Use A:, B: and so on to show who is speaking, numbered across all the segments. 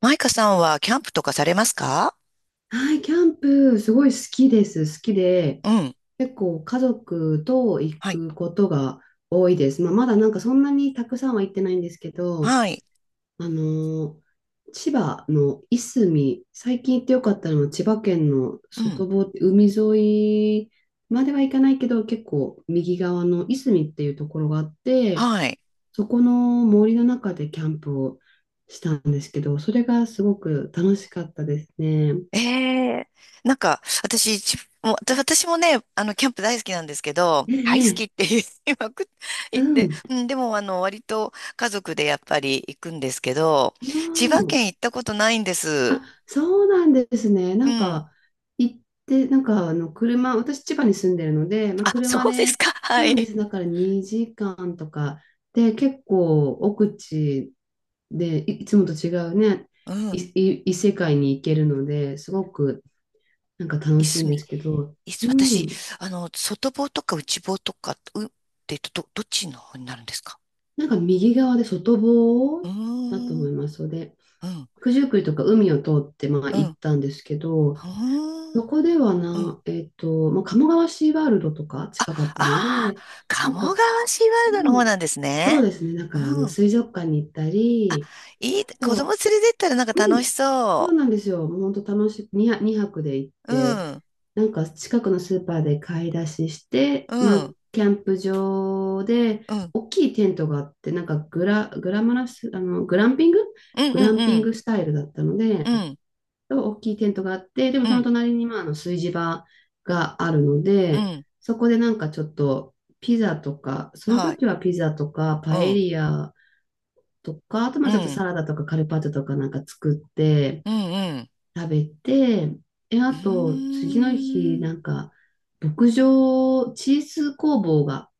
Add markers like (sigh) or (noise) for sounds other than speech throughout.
A: マイカさんはキャンプとかされますか？
B: はい、キャンプ、すごい好きです。好きで、
A: うん。
B: 結構家族と行
A: はい。
B: くことが多いです。まあ、まだなんかそんなにたくさんは行ってないんですけど、
A: はい。
B: あのー千葉のいすみ、最近行ってよかったのは千葉県の
A: うん。
B: 外房、海沿いまでは行かないけど、結構右側のいすみっていうところがあって、
A: はい。
B: そこの森の中でキャンプをしたんですけど、それがすごく楽しかったですね。
A: ええ。なんか、私、ちもう私もね、キャンプ大好きなんですけど、
B: え
A: 大好
B: え。
A: きって言い (laughs) まくっ (laughs) 言
B: う
A: って、
B: ん。
A: うん、でも、割と家族でやっぱり行くんですけど、千
B: う
A: 葉
B: ん。
A: 県行ったことないんです。
B: あ、そうなんですね。な
A: う
B: ん
A: ん。
B: か、行って、なんか、あの、車、私、千葉に住んでるので、まあ、
A: あ、そ
B: 車
A: うです
B: で、
A: か。(laughs)
B: そう
A: は
B: なんで
A: い。
B: す。だから2時間とか、で、結構、奥地で、いつもと違うね、
A: うん。
B: 異世界に行けるので、すごく、なんか
A: い
B: 楽しい
A: す
B: んで
A: み。
B: すけど、う
A: 私、
B: ん。
A: 外房とか内房とか、って言うと、どっちの方になるんですか？
B: なんか、右側で外
A: う
B: 房
A: ー
B: だと
A: ん。
B: 思いますので、
A: うん。
B: 九十九里とか海を通って、まあ、
A: う
B: 行っ
A: ん。
B: たんですけ
A: ほ
B: ど、
A: ー
B: そ
A: ん。
B: こでは
A: うん。
B: な、まあ、鴨川シーワールドとか
A: あ、
B: 近かったの
A: ああ、
B: で、なんか、
A: 鴨川シー
B: う
A: ワールドの方
B: ん、
A: なんです
B: そう
A: ね。
B: ですね、だからあの
A: うん。
B: 水族館に行ったり、あ
A: 子供
B: と、
A: 連れてったらなんか
B: う
A: 楽し
B: ん、そう
A: そ
B: なんですよ、もう本当楽しく、2泊、泊で行っ
A: う。う
B: て、
A: ん。
B: なんか近くのスーパーで買い出しして、
A: う
B: まあ、
A: ん。
B: キャンプ場で、
A: うん。
B: 大きいテントがあって、なんかグラマラス、
A: うん。
B: グランピ
A: う
B: ン
A: ん。
B: グスタイルだったの
A: う
B: で、
A: ん。うん。
B: と大きいテントがあって、でも
A: う
B: その
A: ん。
B: 隣にまああの炊事場があるの
A: う
B: で、
A: ん、
B: そこでなんかちょっとピザとか、その
A: はい。
B: 時はピザとかパ
A: う
B: エ
A: ん。
B: リアとか、あとま
A: う
B: あちょっと
A: ん。
B: サラダとかカルパッチョとかなんか作って
A: うん。うん。
B: 食べて、
A: う
B: あ
A: ー
B: と次の日な
A: ん。
B: んか牧場、チーズ工房が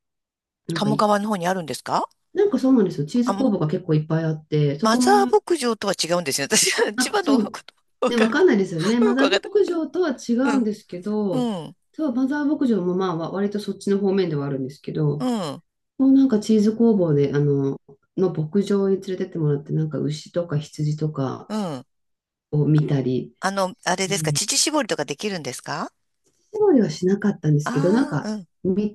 B: なんか
A: 鴨
B: い
A: 川の方にあるんですか？
B: なんかそうなんですよ。チー
A: あ、
B: ズ工
A: ま、
B: 房が結構いっぱいあって、そ
A: マ
B: こ
A: ザー
B: の
A: 牧場とは違うんですよ。私は千
B: あ、
A: 葉の
B: そ
A: 方の
B: う。
A: ことわ
B: ね、
A: かん
B: わ
A: ない。
B: かんないですよね。マ
A: よく
B: ザ
A: わ
B: ー
A: かった。
B: 牧場とは違
A: う
B: うん
A: ん。
B: ですけど、
A: うん。
B: そう、マザー牧場もまあ、割とそっちの方面ではあるんですけ
A: う
B: ど、
A: ん。
B: もうなんかチーズ工房で、牧場に連れてってもらって、なんか牛とか羊とか
A: うん。
B: を見たり、
A: あれですか、乳搾りとかできるんですか？
B: 料理はしなかったんですけど、なん
A: ああ
B: か見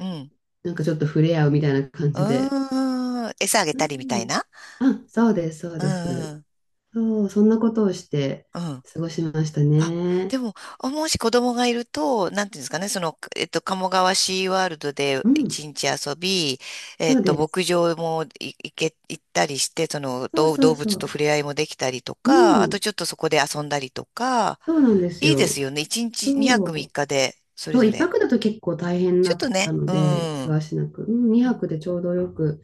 A: ー、うん、うん。
B: なんかちょっと触れ合うみたいな感じで。
A: うーん。餌あげ
B: う
A: たりみたい
B: ん。
A: な。
B: あ、そうです、そう
A: う
B: で
A: ん、う
B: す。
A: ん、
B: そう、そんなことをして
A: うん。
B: 過ごしました
A: あ、
B: ね。
A: でも、あもし子供がいると、なんていうんですかね、鴨川シーワールドで
B: うん、
A: 一日遊び、
B: そうです。
A: 牧場もい行け、行ったりして、
B: そう
A: 動
B: そう
A: 動
B: そ
A: 物と触
B: う。
A: れ合いもできたりと
B: う
A: か、あと
B: ん、
A: ちょっとそこで遊んだりとか、
B: そうなんです
A: いいです
B: よ。
A: よね。一日2
B: そ
A: 泊3
B: う、
A: 日で、それ
B: そう、
A: ぞ
B: 一
A: れ。
B: 泊だと結構大変
A: ち
B: だ
A: ょっと
B: った
A: ね、
B: の
A: う
B: で、
A: ん。
B: せわしなく。うん、
A: う
B: 二
A: ん、
B: 泊でちょうどよく。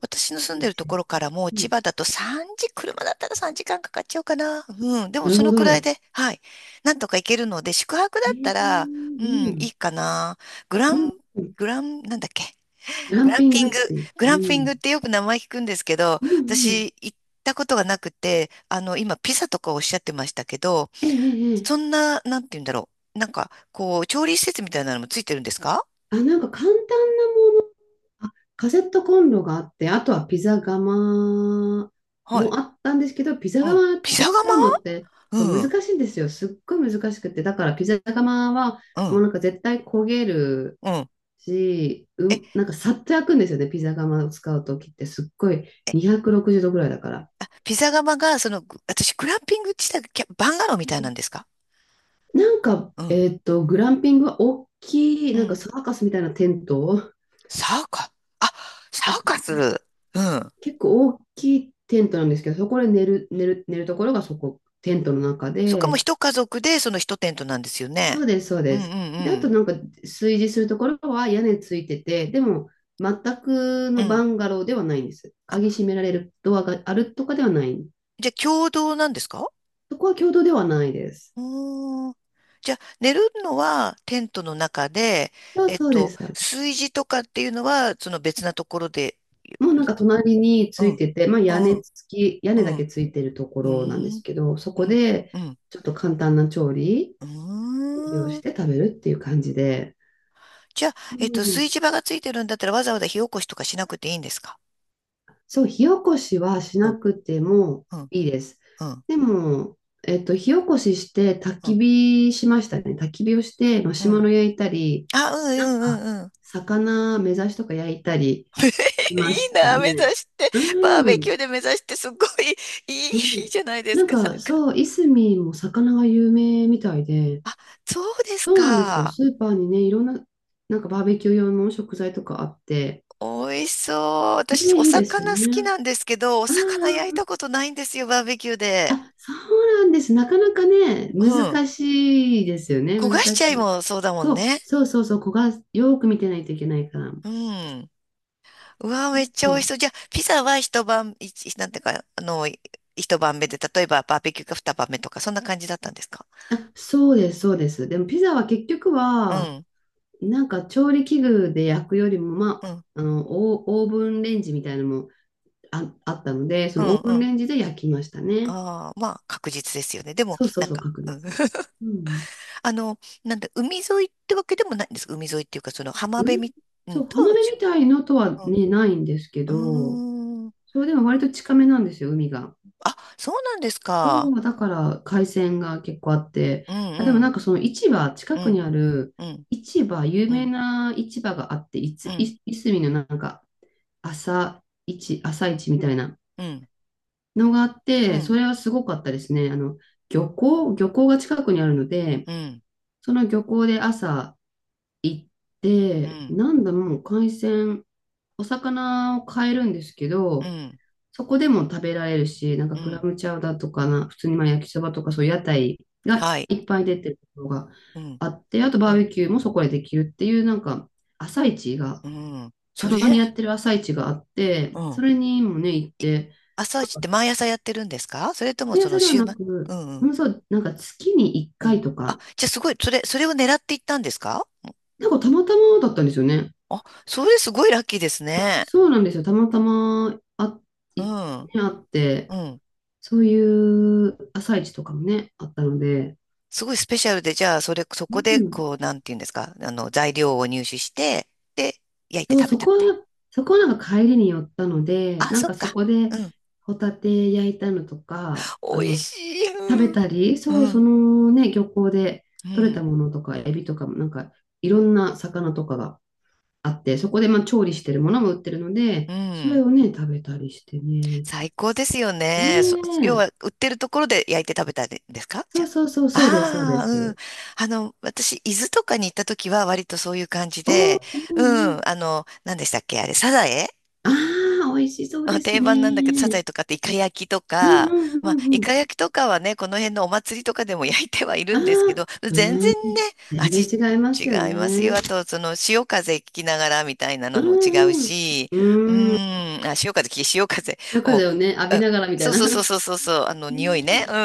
A: 私の住ん
B: いい
A: で
B: で
A: ると
B: すね。
A: ころからもう
B: う
A: 千
B: ん、
A: 葉だと3時、車だったら3時間かんかかっちゃうかな。うん。でも
B: なる
A: そ
B: ほ
A: のくらい
B: ど。
A: で、はい。なんとか行けるので、宿泊だ
B: え
A: った
B: ー、う
A: ら、うん、い
B: ん、
A: いかな。グラ
B: うん、
A: ン、
B: うん、
A: グラン、なんだっけ。
B: グラ
A: グ
B: ン
A: ラン
B: ピン
A: ピ
B: グ
A: ン
B: っ
A: グ。
B: て言っ
A: グ
B: て、
A: ラン
B: う
A: ピング
B: ん、
A: ってよく名前聞くんですけど、
B: うん、う
A: 私
B: ん。
A: 行ったことがなくて、今ピザとかおっしゃってましたけど、
B: えええええ
A: そ
B: え、
A: んな、なんて言うんだろう。なんか、こう、調理施設みたいなのもついてるんですか？
B: あ、なんか簡単、あ、カセットコンロがあって、あとはピザ窯
A: はい。
B: もあったんですけど、ピザ
A: うん。
B: 窯
A: ピザ
B: を
A: 窯。
B: 使うのってそう
A: う
B: 難
A: ん。
B: しいんですよ。すっごい難しくて。だからピザ窯は
A: う
B: も
A: ん。
B: うなんか絶対焦げる
A: うん。
B: し、う
A: え、
B: ん、なんかさっと焼くんですよね。ピザ窯を使うときってすっごい
A: え
B: 260度ぐらいだから。
A: ピザ窯が、グランピング地帯、キャバンガローみたいなんですか？
B: なんか、
A: うん。
B: グランピングは大きい、
A: う
B: なんか
A: ん。
B: サーカスみたいなテント、
A: サーカあ、サーカス。うん。
B: 結構大きいテントなんですけど、そこで寝るところがそこ、テントの中
A: そっか、もう
B: で、
A: 一家族で、その一テントなんですよ
B: そ
A: ね。
B: うです、そう
A: う
B: で
A: んうん
B: す。で、あ
A: う
B: と
A: ん。
B: なんか、炊事するところは屋根ついてて、でも、全く
A: う
B: のバ
A: ん。
B: ンガローではないんです。
A: あ、
B: 鍵閉められるドアがあるとかではない。
A: じゃあ、共同なんですか？
B: そこは共同ではないです。
A: おー。じゃあ、寝るのはテントの中で、
B: そうそうです。
A: 炊事とかっていうのは、その別なところで、
B: もうなんか隣に
A: う
B: つい
A: ん。
B: てて、まあ
A: う
B: 屋根
A: んうん
B: 付き、屋
A: う
B: 根だけ
A: ん。
B: ついてるとこ
A: う
B: ろなんです
A: ん。
B: けど、そ
A: う
B: こ
A: ん。
B: で
A: うん。
B: ちょっと簡単な調理
A: う
B: を
A: ー
B: し
A: ん。
B: て食べるっていう感じで、
A: じゃあ、
B: う
A: 炊
B: ん、
A: 事場がついてるんだったらわざわざ火起こしとかしなくていいんですか？
B: そう、火起こしはし
A: う
B: な
A: ん、
B: くても
A: うん、
B: いいです。
A: うん、
B: でも、火起こしして焚
A: う
B: き
A: ん、
B: 火しましたね。焚き火をしてマ
A: う
B: シュマ
A: ん。
B: ロ焼いたり、
A: あ、う
B: なん
A: ん、うん、う
B: か、
A: ん、うん。
B: 魚目指しとか焼いたり
A: (laughs)
B: し
A: い
B: ま
A: い
B: した
A: な、目指
B: ね。
A: して。バー
B: う
A: ベキ
B: ん、
A: ューで目指して、すごいいい、い
B: う
A: い
B: ん。
A: じゃないです
B: なん
A: か、(laughs) な
B: か、
A: んか。
B: そう、いすみも魚が有名みたいで、
A: あ、そうです
B: そうなんですよ。
A: か。
B: スーパーにね、いろんな、なんかバーベキュー用の食材とかあって、
A: 美味しそう。
B: ね、
A: 私、お
B: いいですよ
A: 魚好き
B: ね。
A: なんですけど、お
B: あ
A: 魚焼いた
B: あ、
A: ことないんですよ、バーベキューで。
B: あ、そうなんです。なかなかね、
A: うん。
B: 難しいですよね。
A: 焦がし
B: 難
A: ちゃ
B: し
A: い
B: い。
A: もそうだもん
B: そう、
A: ね。
B: そうそうそう、子がよく見てないといけないから。
A: うん。うわー、めっちゃ美味し
B: ま
A: そう。じゃあ、ピザは一晩、なんていうか、一晩目で、例えばバーベキューが二晩目とか、そんな感じだったんですか？
B: あ、あ、そうです、そうです。でもピザは結局
A: う
B: は、
A: ん、
B: なんか調理器具で焼くよりも、ま
A: うん、
B: あ、あの、オーブンレンジみたいなのもあったので、そ
A: う
B: のオ
A: ん、
B: ー
A: う
B: ブン
A: ん。
B: レンジで焼きましたね。
A: ああ、まあ、確実ですよね。でも、
B: そうそ
A: な
B: う
A: ん
B: そう、
A: か、
B: 確
A: うん
B: 率。う
A: (laughs)
B: ん。
A: なんだ、海沿いってわけでもないんですか。海沿いっていうか、その浜
B: う
A: 辺み、う
B: そ
A: ん、
B: う、
A: と
B: 浜
A: は違
B: 辺みたいのとは
A: う。
B: ね、ないんですけ
A: う
B: ど、
A: ん、うーん。
B: そう、でも割と近めなんですよ、海が。
A: あ、そうなんですか。
B: そう、だから海鮮が結構あって、
A: う
B: あ、でも
A: ん、う
B: なん
A: ん、
B: かその市場、
A: う
B: 近くに
A: ん、
B: ある
A: うん、
B: 市場、有
A: う
B: 名
A: ん、
B: な市場があって、い
A: う
B: つ、
A: ん、
B: い、いすみのなんか朝朝市みたいな
A: うん、
B: のがあっ
A: うん、
B: て、
A: う
B: そ
A: ん、
B: れはすごかったですね。あの、漁港が近くにあるので、
A: うん、
B: その漁港で朝行って、なんだもう海鮮、お魚を買えるんですけ
A: う
B: ど、
A: ん、
B: そこでも食べられるし、なんか
A: う
B: クラ
A: ん、
B: ムチャウダーとかな、普通にまあ焼きそばとかそういう屋台が
A: はい。
B: いっぱい出てるところが
A: うん、
B: あって、あと
A: う
B: バー
A: ん
B: ベキューもそこでできるっていう、なんか朝市が、
A: う
B: た
A: ん。そ
B: ま
A: れ。
B: にやってる朝市があっ
A: う
B: て、
A: ん。
B: それにもね、行って、
A: 朝
B: な
A: 一っ
B: ん
A: て
B: か
A: 毎朝やってるんですか？それとも
B: 毎
A: その
B: 朝では
A: 週
B: な
A: 末？
B: く、
A: うんう
B: う
A: ん。
B: ん、そう、なんか月に1
A: うん。
B: 回と
A: あ、
B: か、
A: じゃあすごい、それを狙っていったんですか？
B: なんかたまたまだったんですよね。
A: あ、それすごいラッキーですね。
B: そうなんですよ。たまたま、あ、
A: う
B: いね、
A: ん。
B: あっ
A: う
B: て、
A: ん。
B: そういう朝市とかもね、あったので、
A: すごいスペシャルで、じゃあ、そ
B: う
A: こで、
B: ん、
A: こう、なんていうんですか、材料を入手して、で、焼いて
B: そう、
A: 食べたみたい。
B: そこなんか帰りに寄ったので、
A: あ、
B: なん
A: そっ
B: かそ
A: か。
B: こで
A: うん。
B: ホタテ焼いたのとか、あ
A: 美味
B: の、
A: しい。
B: 食べ
A: うん。
B: たり、
A: う
B: そう、そ
A: ん。
B: のね、漁港で
A: う
B: 取れた
A: ん。
B: ものとか、エビとかも、なんかいろんな魚とかがあって、そこでまあ調理してるものも売ってるので、
A: う
B: それ
A: ん。
B: をね、食べたりしてね。
A: 最高ですよ
B: ね
A: ね。要は、
B: え。
A: 売ってるところで焼いて食べたんですか？じ
B: そ
A: ゃ
B: うそうそう、
A: あ。
B: そうです、そうで
A: ああ、うん。
B: す。
A: 私、伊豆とかに行った時は割とそういう感じ
B: お
A: で、
B: お、う
A: う
B: んうん。
A: ん、何でしたっけあれ、サザエ。
B: ああ、美味しそうで
A: あ、
B: す
A: 定番なんだけど、サザ
B: ね。
A: エとかってイカ焼きと
B: うん
A: か、
B: うんう
A: まあ、イ
B: んう
A: カ
B: ん。
A: 焼きとかはね、この辺のお祭りとかでも焼いてはいる
B: あ
A: んですけ
B: あ、
A: ど、(laughs) 全然ね、
B: 全然
A: 味
B: 違いま
A: 違
B: すよ
A: います
B: ね。
A: よ。あと、潮風聞きながらみたいな
B: う
A: のも違う
B: ん
A: し、
B: う
A: う
B: ん。うん。
A: ーん、あ、潮風
B: 夜
A: を、
B: 風をね、浴
A: う
B: び
A: ん、
B: ながらみた
A: そ
B: い
A: うそうそう
B: な。
A: そうそうそう、
B: (laughs)
A: 匂
B: ね
A: いね。
B: え、
A: う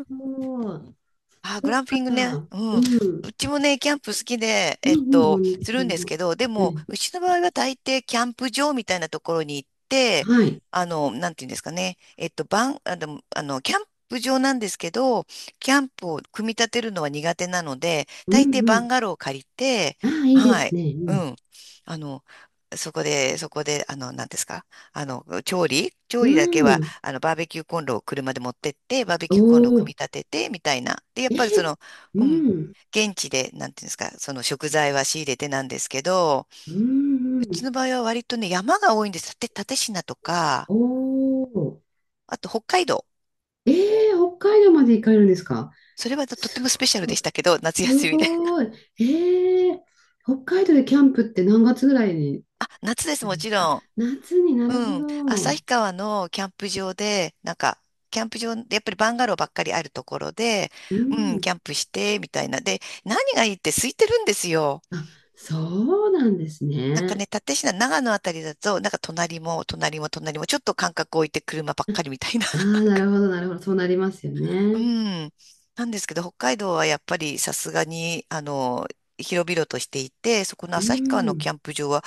A: ん。
B: そう。
A: あー、グ
B: そ
A: ラ
B: っ
A: ンピングね。
B: か。
A: う
B: う
A: ん。
B: ん。
A: うちもね、キャンプ好きで、
B: うんうん、本抜
A: す
B: さ
A: るん
B: ん
A: ですけ
B: も。
A: ど、で
B: う
A: も、
B: ん。
A: うちの場合は大抵キャンプ場みたいなところに行って、
B: はい。
A: なんていうんですかね。キャンプ場なんですけど、キャンプを組み立てるのは苦手なので、
B: うん
A: 大抵
B: う
A: バ
B: ん。
A: ンガローを借りて、
B: ああ、いいで
A: は
B: す
A: い。
B: ね。う
A: う
B: ん。
A: ん。あの、そこで、なんですか。調理調
B: う
A: 理だけは
B: ん。
A: バーベキューコンロを車で持ってって、バーベ
B: お
A: キューコンロを組み
B: お。
A: 立てて、みたいな。で、やっ
B: え
A: ぱり
B: え。う
A: うん、
B: ん。
A: 現地で、なんていうんですか、その食材は仕入れてなんですけど、
B: うん
A: う
B: う
A: ち
B: ん。
A: の場合は割とね、山が多いんです。蓼科とか、
B: おお。
A: あと北海道。
B: ええ、北海道まで行かれるんですか？
A: それはとって
B: す
A: もスペシャル
B: ご
A: で
B: い。
A: したけど、夏
B: す
A: 休みで。
B: ごい。ええ、北海道でキャンプって何月ぐらいに、
A: (laughs) あ、夏です、もち
B: あ、
A: ろん。
B: 夏に、なる
A: う
B: ほ
A: ん。
B: ど。
A: 旭川のキャンプ場で、やっぱりバンガローばっかりあるところで、
B: う
A: うん、キ
B: ん。
A: ャンプして、みたいな。で、何がいいって空いてるんですよ。
B: あ、そうなんです
A: なんか
B: ね。
A: ね、蓼科、長野あたりだと、なんか隣も隣も隣も、ちょっと間隔置いて車ばっかりみたいな。
B: ああ、なるほど、なるほど。そうなりますよ
A: (laughs) う
B: ね。
A: ん。なんですけど、北海道はやっぱりさすがに、広々としていて、そこの
B: う
A: 旭川のキ
B: ん。
A: ャンプ場は、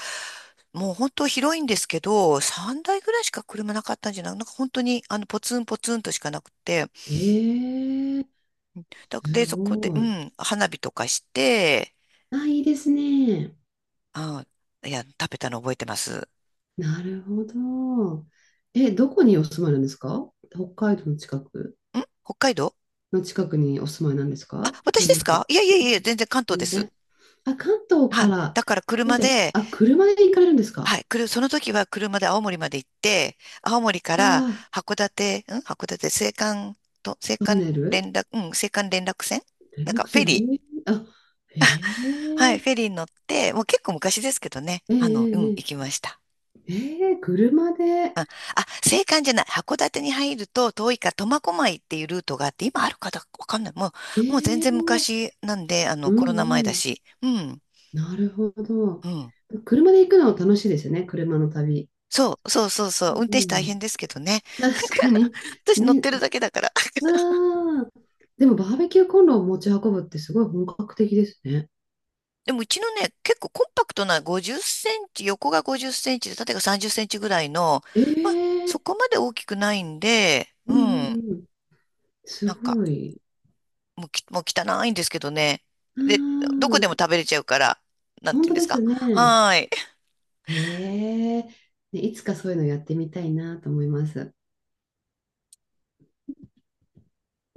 A: もう本当広いんですけど、3台ぐらいしか車なかったんじゃない？なんか本当に、ポツンポツンとしかなくて、
B: ええ、す
A: で、そこで、
B: ご
A: う
B: い。
A: ん、花火とかして、
B: あ、いいですね。
A: あ、いや、食べたの覚えてます。
B: なるほど。え、どこにお住まいなんですか？北海道の近く、
A: 北海道。
B: の近くにお住まいなんです
A: あ、
B: かで
A: 私
B: は
A: で
B: な
A: すか？
B: く。
A: いやいや
B: う
A: いや、
B: ん、
A: 全然関東で
B: 全
A: す。
B: 然。あ、関東
A: は
B: か
A: い。
B: ら、
A: だから
B: え、
A: 車
B: じゃ
A: で、
B: あ、あ、車で行かれるんですか？
A: はい。その時は車で青森まで行って、青森か
B: わ
A: ら
B: あ、
A: 函館、函青
B: トン
A: 函
B: ネル、
A: 連絡、うん、青函連絡船、
B: 連
A: なんか
B: 絡
A: フェリ
B: 船、へえ、
A: ー。
B: あ、へ
A: はい。フ
B: え、
A: ェリーに乗って、もう結構昔ですけどね。
B: ええ、
A: うん、
B: え
A: 行
B: え、
A: きました。
B: ええ車で、
A: あ、青函じゃない。函館に入ると遠いから苫小牧っていうルートがあって、今あるかどうかわかんない。もう全
B: え
A: 然
B: え、
A: 昔なんで、
B: う
A: コロナ前
B: んう
A: だ
B: ん、
A: し。うん。
B: なるほ
A: う
B: ど。
A: ん。
B: 車で行くのは楽しいですよね、車の旅。
A: そう、そうそうそう。運
B: う
A: 転手大
B: ん、
A: 変ですけどね。(laughs) なんか、
B: 確かに。
A: 私乗ってる
B: ね、
A: だけだから。(laughs)
B: ああ、でもバーベキューコンロを持ち運ぶってすごい本格的ですね。
A: でもうちのね、結構コンパクトな50センチ、横が50センチで縦が30センチぐらいの、
B: え
A: まあ、
B: え、
A: そこまで大きくないんで、う
B: うんう
A: ん、
B: んうん、す
A: なんか、
B: ごい。
A: もう汚いんですけどね。
B: う
A: で、どこで
B: ん、
A: も食べれちゃうから、なん
B: 本
A: ていう
B: 当
A: んで
B: で
A: す
B: す
A: か。
B: ね。
A: はーい。
B: ええ、ね、いつかそういうのやってみたいなと思います。